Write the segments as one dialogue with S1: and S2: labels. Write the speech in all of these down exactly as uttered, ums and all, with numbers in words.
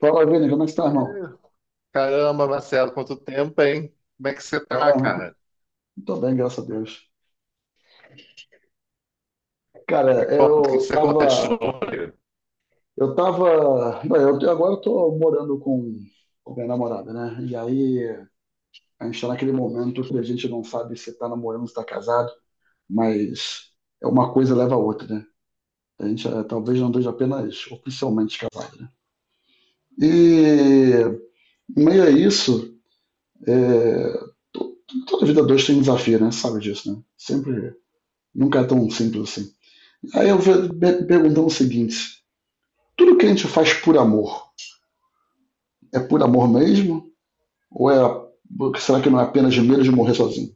S1: Fala, Vini, como é que está, irmão?
S2: Caramba, Marcelo, quanto tempo, hein? Como é que você tá,
S1: Ah,
S2: cara?
S1: tô bem, graças a Deus. Cara,
S2: Me conta, o que
S1: eu
S2: você conta de
S1: tava,
S2: novo?
S1: eu tava, bem, eu, agora eu tô morando com, com minha namorada, né? E aí a gente tá naquele momento que a gente não sabe se tá namorando, se tá casado, mas é uma coisa leva a outra, né? A gente eh, talvez não esteja apenas oficialmente casado, né? E em meio a isso, eh, to- toda vida dois tem um desafio, né? Sabe disso, né? Sempre, nunca é tão simples assim. Aí eu vou me perguntando o seguinte: tudo que a gente faz por amor é por amor mesmo? Ou é, será que não é apenas de medo de morrer sozinho?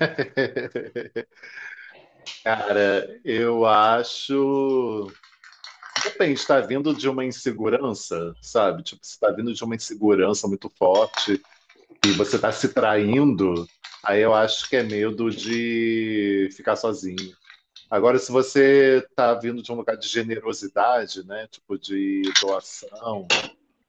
S2: Cara, eu acho. Depende, está vindo de uma insegurança, sabe? Tipo, se está vindo de uma insegurança muito forte e você está se traindo, aí eu acho que é medo de ficar sozinho. Agora, se você está vindo de um lugar de generosidade, né? Tipo, de doação.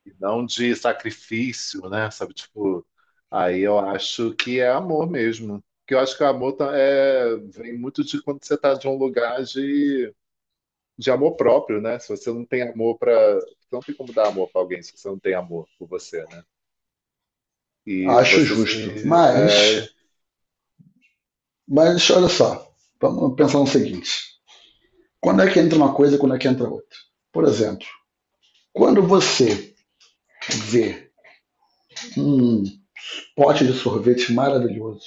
S2: E não de sacrifício, né? Sabe, tipo, aí eu acho que é amor mesmo. Que eu acho que o amor tá- é, vem muito de quando você tá de um lugar de, de amor próprio, né? Se você não tem amor para, não tem como dar amor para alguém se você não tem amor por você, né? E
S1: Acho
S2: você se,
S1: justo.
S2: é,
S1: Mas, mas olha só, vamos pensar no seguinte: quando é que entra uma coisa e quando é que entra outra? Por exemplo, quando você vê um pote de sorvete maravilhoso,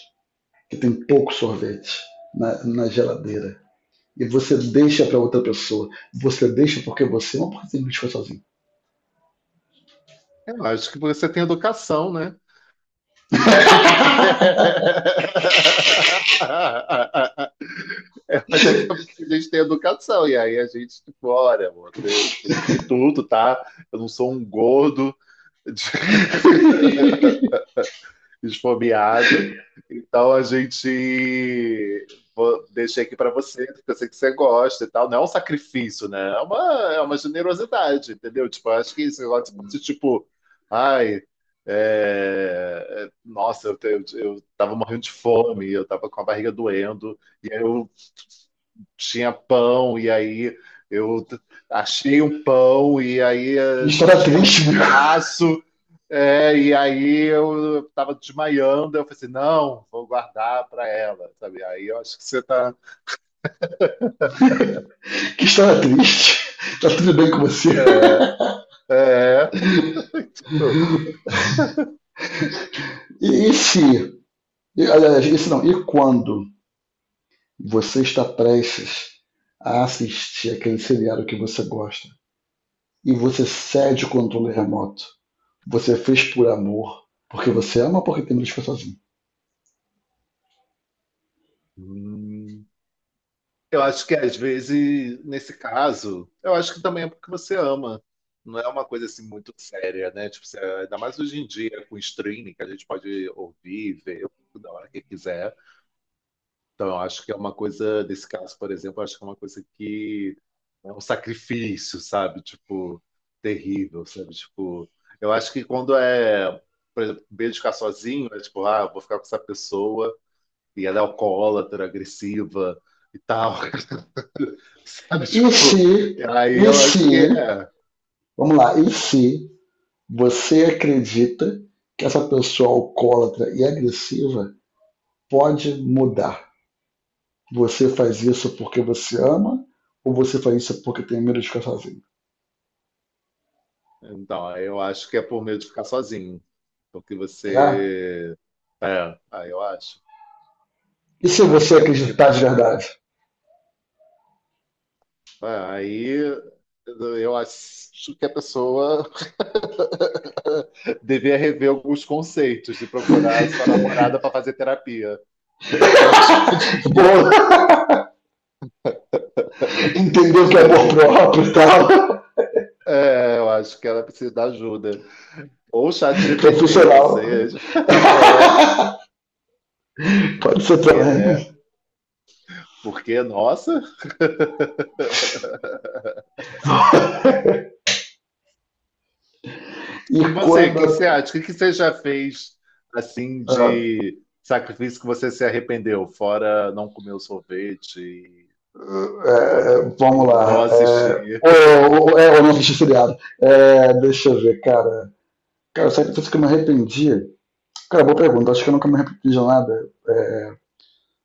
S1: que tem pouco sorvete na, na geladeira, e você deixa para outra pessoa, você deixa porque você não pode ser sozinho.
S2: Eu acho que você tem educação, né? Eu acho que é porque a gente tem educação, e aí a gente, tipo, olha, amor, eu comi tudo, tá? Eu não sou um gordo esfomeado, então a gente vou- deixei aqui pra você, porque eu sei que você gosta e tal. Não é um sacrifício, né? É uma, é uma generosidade, entendeu? Tipo, eu acho que esse negócio fosse tipo, ai, é, é, nossa, eu, te- eu, eu tava morrendo de fome, eu tava com a barriga doendo, e aí eu tinha pão, e aí eu t- achei um pão, e aí
S1: Que
S2: eh, só
S1: história
S2: tinha um
S1: triste, meu.
S2: pedaço, é, e aí eu estava desmaiando, eu falei assim, não, vou guardar para ela, sabe? Aí eu acho que você está...
S1: Que estava triste. Tá tudo bem com você?
S2: É, é, tipo,
S1: E, e se, e, aliás, e se não, e quando você está prestes a assistir aquele seriado que você gosta e você cede o controle remoto? Você fez por amor, porque você ama ou porque tem medo de ficar sozinho?
S2: hum. Eu acho que às vezes, nesse caso, eu acho que também é porque você ama. Não é uma coisa assim muito séria, né? Tipo, você- ainda mais hoje em dia, com streaming, que a gente pode ouvir, ver, da hora que quiser. Então, eu acho que é uma coisa, nesse caso, por exemplo, eu acho que é uma coisa que é um sacrifício, sabe? Tipo, terrível, sabe? Tipo, eu acho que quando é, por exemplo, medo de ficar sozinho, é tipo, ah, eu vou ficar com essa pessoa e ela é alcoólatra, agressiva e tal, sabe?
S1: E se,
S2: Tipo, aí
S1: e
S2: eu acho
S1: se,
S2: que é.
S1: vamos lá, e se você acredita que essa pessoa alcoólatra e agressiva pode mudar? Você faz isso porque você ama ou você faz isso porque tem medo de ficar sozinho?
S2: Então, aí eu acho que é por medo de ficar sozinho, porque
S1: É?
S2: você. É, aí eu acho.
S1: E se
S2: Eu acho
S1: você
S2: que é porque
S1: acreditar de verdade?
S2: Ah, aí eu acho que a pessoa devia rever alguns conceitos e procurar sua namorada para fazer terapia. Eu acho que ela devia,
S1: Boa,
S2: eu
S1: entendeu
S2: acho
S1: que é
S2: que ela
S1: amor
S2: devia.
S1: próprio e tal,
S2: É, eu acho que ela precisa de ajuda. Ou chat G P T, ou
S1: profissional,
S2: seja, é, é,
S1: pode ser
S2: porque, né?
S1: também.
S2: Porque, nossa.
S1: E
S2: E você, o que que você
S1: quando,
S2: acha? O que que você já fez assim
S1: ah,
S2: de sacrifício que você se arrependeu? Fora não comer o sorvete e,
S1: é, vamos
S2: e não
S1: lá, é,
S2: assistir.
S1: ou, ou, é, ou não assisti seriado, é, deixa eu ver, cara. Cara, sabe que eu me arrependi? Cara, boa pergunta, acho que eu nunca me arrependi de nada. É,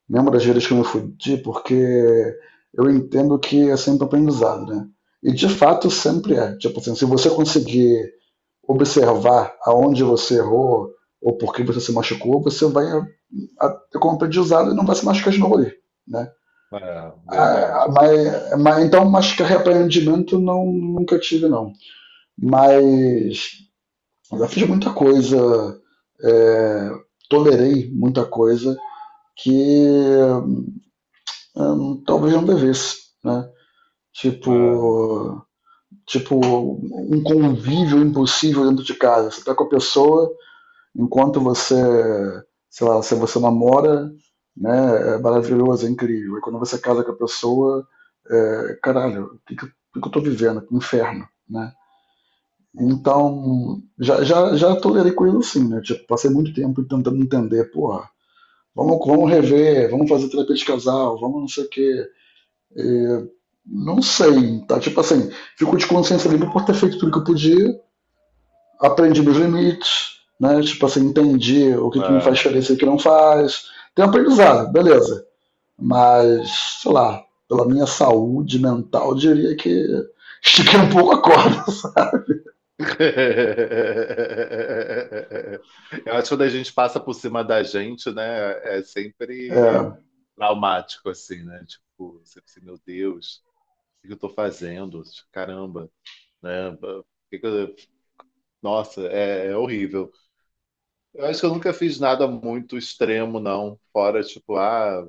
S1: lembro das vezes que eu me fudi, porque eu entendo que é sempre aprendizado, né? E de fato sempre é. Tipo assim, se você conseguir observar aonde você errou ou por que você se machucou, você vai a- a- ter como aprendizado e não vai se machucar de novo ali, né?
S2: É,
S1: Ah,
S2: verdade.
S1: mas, mas- então, mas que arrependimento não, nunca tive, não. Mas eu já fiz muita coisa, é, tolerei muita coisa que hum, talvez não devesse, né?
S2: É,
S1: Tipo, tipo um convívio impossível dentro de casa. Você tá com a pessoa enquanto você, sei lá, se você namora, né, é maravilhoso, é incrível. E quando você casa com a pessoa, é, caralho, o que, que, eu- o que que eu tô vivendo? Que inferno, né?
S2: nossa.
S1: Então, já, já, já tolerei coisas assim, né? Tipo, passei muito tempo tentando entender, porra, vamos, vamos rever, vamos fazer terapia de casal, vamos não sei o quê, não sei, tá? Tipo assim, fico de consciência limpa por ter feito tudo que eu podia, aprendi meus limites, né? Tipo assim, entendi o que, que me faz
S2: É.
S1: diferença e o que não faz. Tenho aprendizado, beleza. Mas, sei lá, pela minha saúde mental, eu diria que estiquei um pouco a corda.
S2: Eu acho que quando a gente passa por cima da gente, né, é sempre
S1: É,
S2: traumático, assim, né? Tipo, você pensa, meu Deus, o que eu tô fazendo? Caramba, né? O que que eu- Nossa, é, é horrível. Eu acho que eu nunca fiz nada muito extremo, não. Fora, tipo, ah,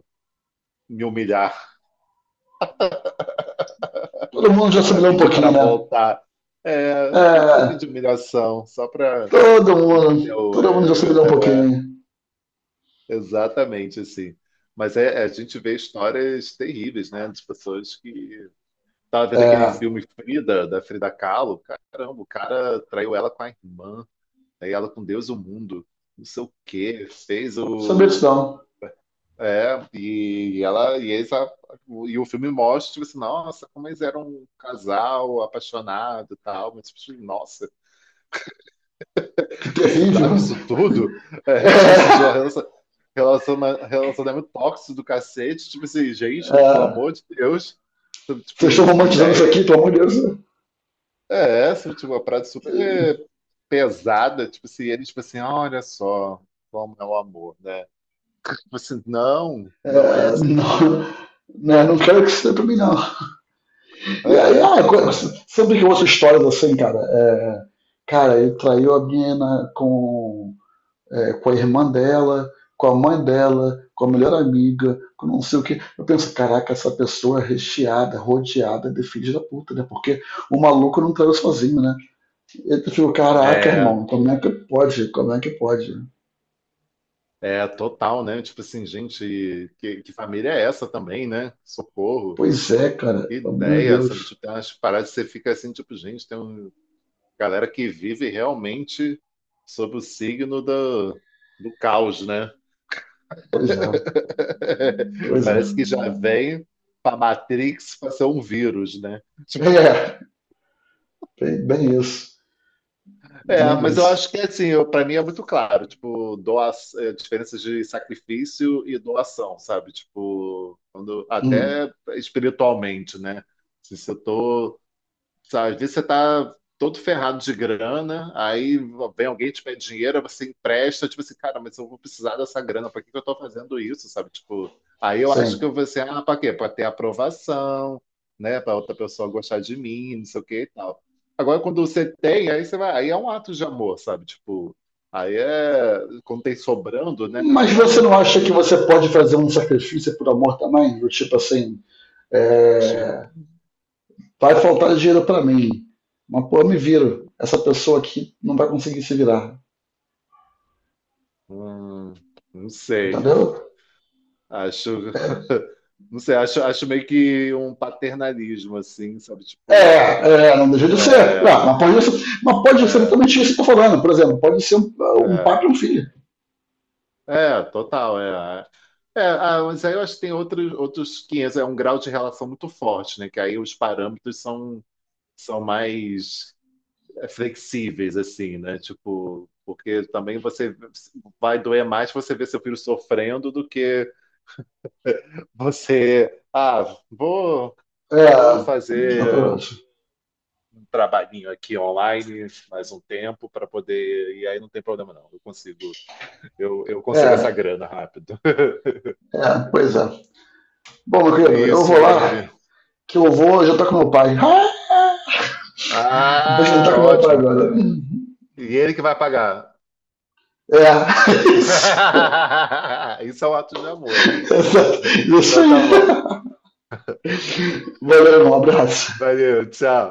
S2: me humilhar,
S1: todo mundo já
S2: a
S1: assimilou um
S2: pedir
S1: pouquinho,
S2: para
S1: né?
S2: voltar. É, só um pouquinho
S1: É,
S2: de humilhação, só para
S1: todo mundo,
S2: Eu,
S1: todo mundo já
S2: é,
S1: assimilou um
S2: é,
S1: pouquinho.
S2: exatamente assim. Mas é, é, a gente vê histórias terríveis, né? De pessoas que. Tava vendo aquele
S1: É,
S2: filme Frida, da Frida Kahlo. Caramba, o cara traiu ela com a irmã, aí ela com Deus e o mundo, não sei o quê, fez
S1: saber disso
S2: o.
S1: não.
S2: É, e ela. E, eles, a- e o filme mostra, tipo assim, nossa, como eles eram um casal apaixonado e tal. Mas, tipo, assim, nossa,
S1: Que
S2: precisava
S1: terrível.
S2: isso tudo?
S1: É,
S2: É, tipo assim, de uma relação, relaciona- relacionamento tóxico do cacete. Tipo assim, gente, pelo
S1: é,
S2: amor de Deus.
S1: vocês estão
S2: Tipo, que
S1: romantizando isso aqui,
S2: ideia.
S1: pelo amor de Deus.
S2: É, essa, tipo, uma parada super pesada. Tipo assim, ele, tipo assim, olha só como é o amor, né? Tipo assim, não, não é
S1: É,
S2: assim, não.
S1: não, né, não quero que isso seja pra mim, não. E aí,
S2: É,
S1: ah,
S2: tipo
S1: co-
S2: assim,
S1: sempre que eu ouço histórias assim, cara, é, cara, ele traiu a menina com, é, com a irmã dela, com a mãe dela, com a melhor amiga, com não sei o quê. Eu penso, caraca, essa pessoa é recheada, rodeada de filhos da puta, né? Porque o maluco não traiu sozinho, né? Eu fico, caraca,
S2: é,
S1: irmão, como é que pode? Como é que pode?
S2: é total, né? Tipo assim, gente, que, que família é essa também, né? Socorro.
S1: Pois é, cara,
S2: Que
S1: pelo amor de
S2: ideia, sabe?
S1: Deus.
S2: Tipo, tem umas paradas que você fica assim, tipo, gente, tem um, galera que vive realmente sob o signo do, do caos, né?
S1: Pois é, pois é.
S2: Parece que já vem para Matrix para ser um vírus, né? Tipo,
S1: É. Bem isso.
S2: é,
S1: Bem
S2: mas eu
S1: isso.
S2: acho que assim, para mim é muito claro, tipo, doa, é, diferenças de sacrifício e doação, sabe? Tipo, quando,
S1: Hum,
S2: até espiritualmente, né? Se eu tô sabe? Às vezes você tá todo ferrado de grana, aí vem alguém te pede dinheiro, aí você empresta, tipo assim, cara, mas eu vou precisar dessa grana, pra que que eu tô fazendo isso, sabe? Tipo, aí eu acho
S1: sim.
S2: que eu vou assim, ah, pra quê? Pra ter aprovação, né? Pra outra pessoa gostar de mim, não sei o que e tal. Agora, quando você tem, aí você vai, aí é um ato de amor, sabe? Tipo, aí é, quando tem sobrando, né?
S1: Mas
S2: Aí é
S1: você não
S2: um
S1: acha
S2: ato
S1: que
S2: de
S1: você
S2: amor.
S1: pode fazer um sacrifício por amor também? Do tipo assim, é,
S2: Tipo,
S1: vai faltar dinheiro para mim. Mas pô, eu me viro. Essa pessoa aqui não vai conseguir se virar.
S2: hum, não sei.
S1: Entendeu?
S2: Acho, não sei, acho, acho meio que um paternalismo, assim, sabe? Tipo,
S1: É,
S2: uma.
S1: é, não deixa de ser.
S2: É,
S1: Não, mas, pode ser, mas pode ser
S2: é,
S1: totalmente isso que eu tô falando. Por exemplo, pode ser um, um
S2: é,
S1: pai e um filho.
S2: é, total, é. É, é, ah, mas aí eu acho que tem outros, outros quinhentos é um grau de relação muito forte, né? Que aí os parâmetros são, são mais é, flexíveis, assim, né? Tipo, porque também você vai doer mais você ver seu filho sofrendo do que você, ah, vou,
S1: É,
S2: vou fazer.
S1: exatamente.
S2: Trabalhinho aqui online mais um tempo para poder. E aí não tem problema, não. Eu consigo, eu, eu consigo essa
S1: É,
S2: grana rápido.
S1: é, pois é. Bom, meu
S2: É
S1: querido, eu
S2: isso,
S1: vou lá,
S2: baby.
S1: que eu vou já tá com meu pai. Ah! Vou
S2: Ah,
S1: jantar com meu pai
S2: ótimo.
S1: agora.
S2: E ele que vai pagar.
S1: É.
S2: Isso é um ato de amor. Aí.
S1: Exato. Isso
S2: Então tá
S1: aí.
S2: bom.
S1: Valeu, um abraço.
S2: Valeu, tchau.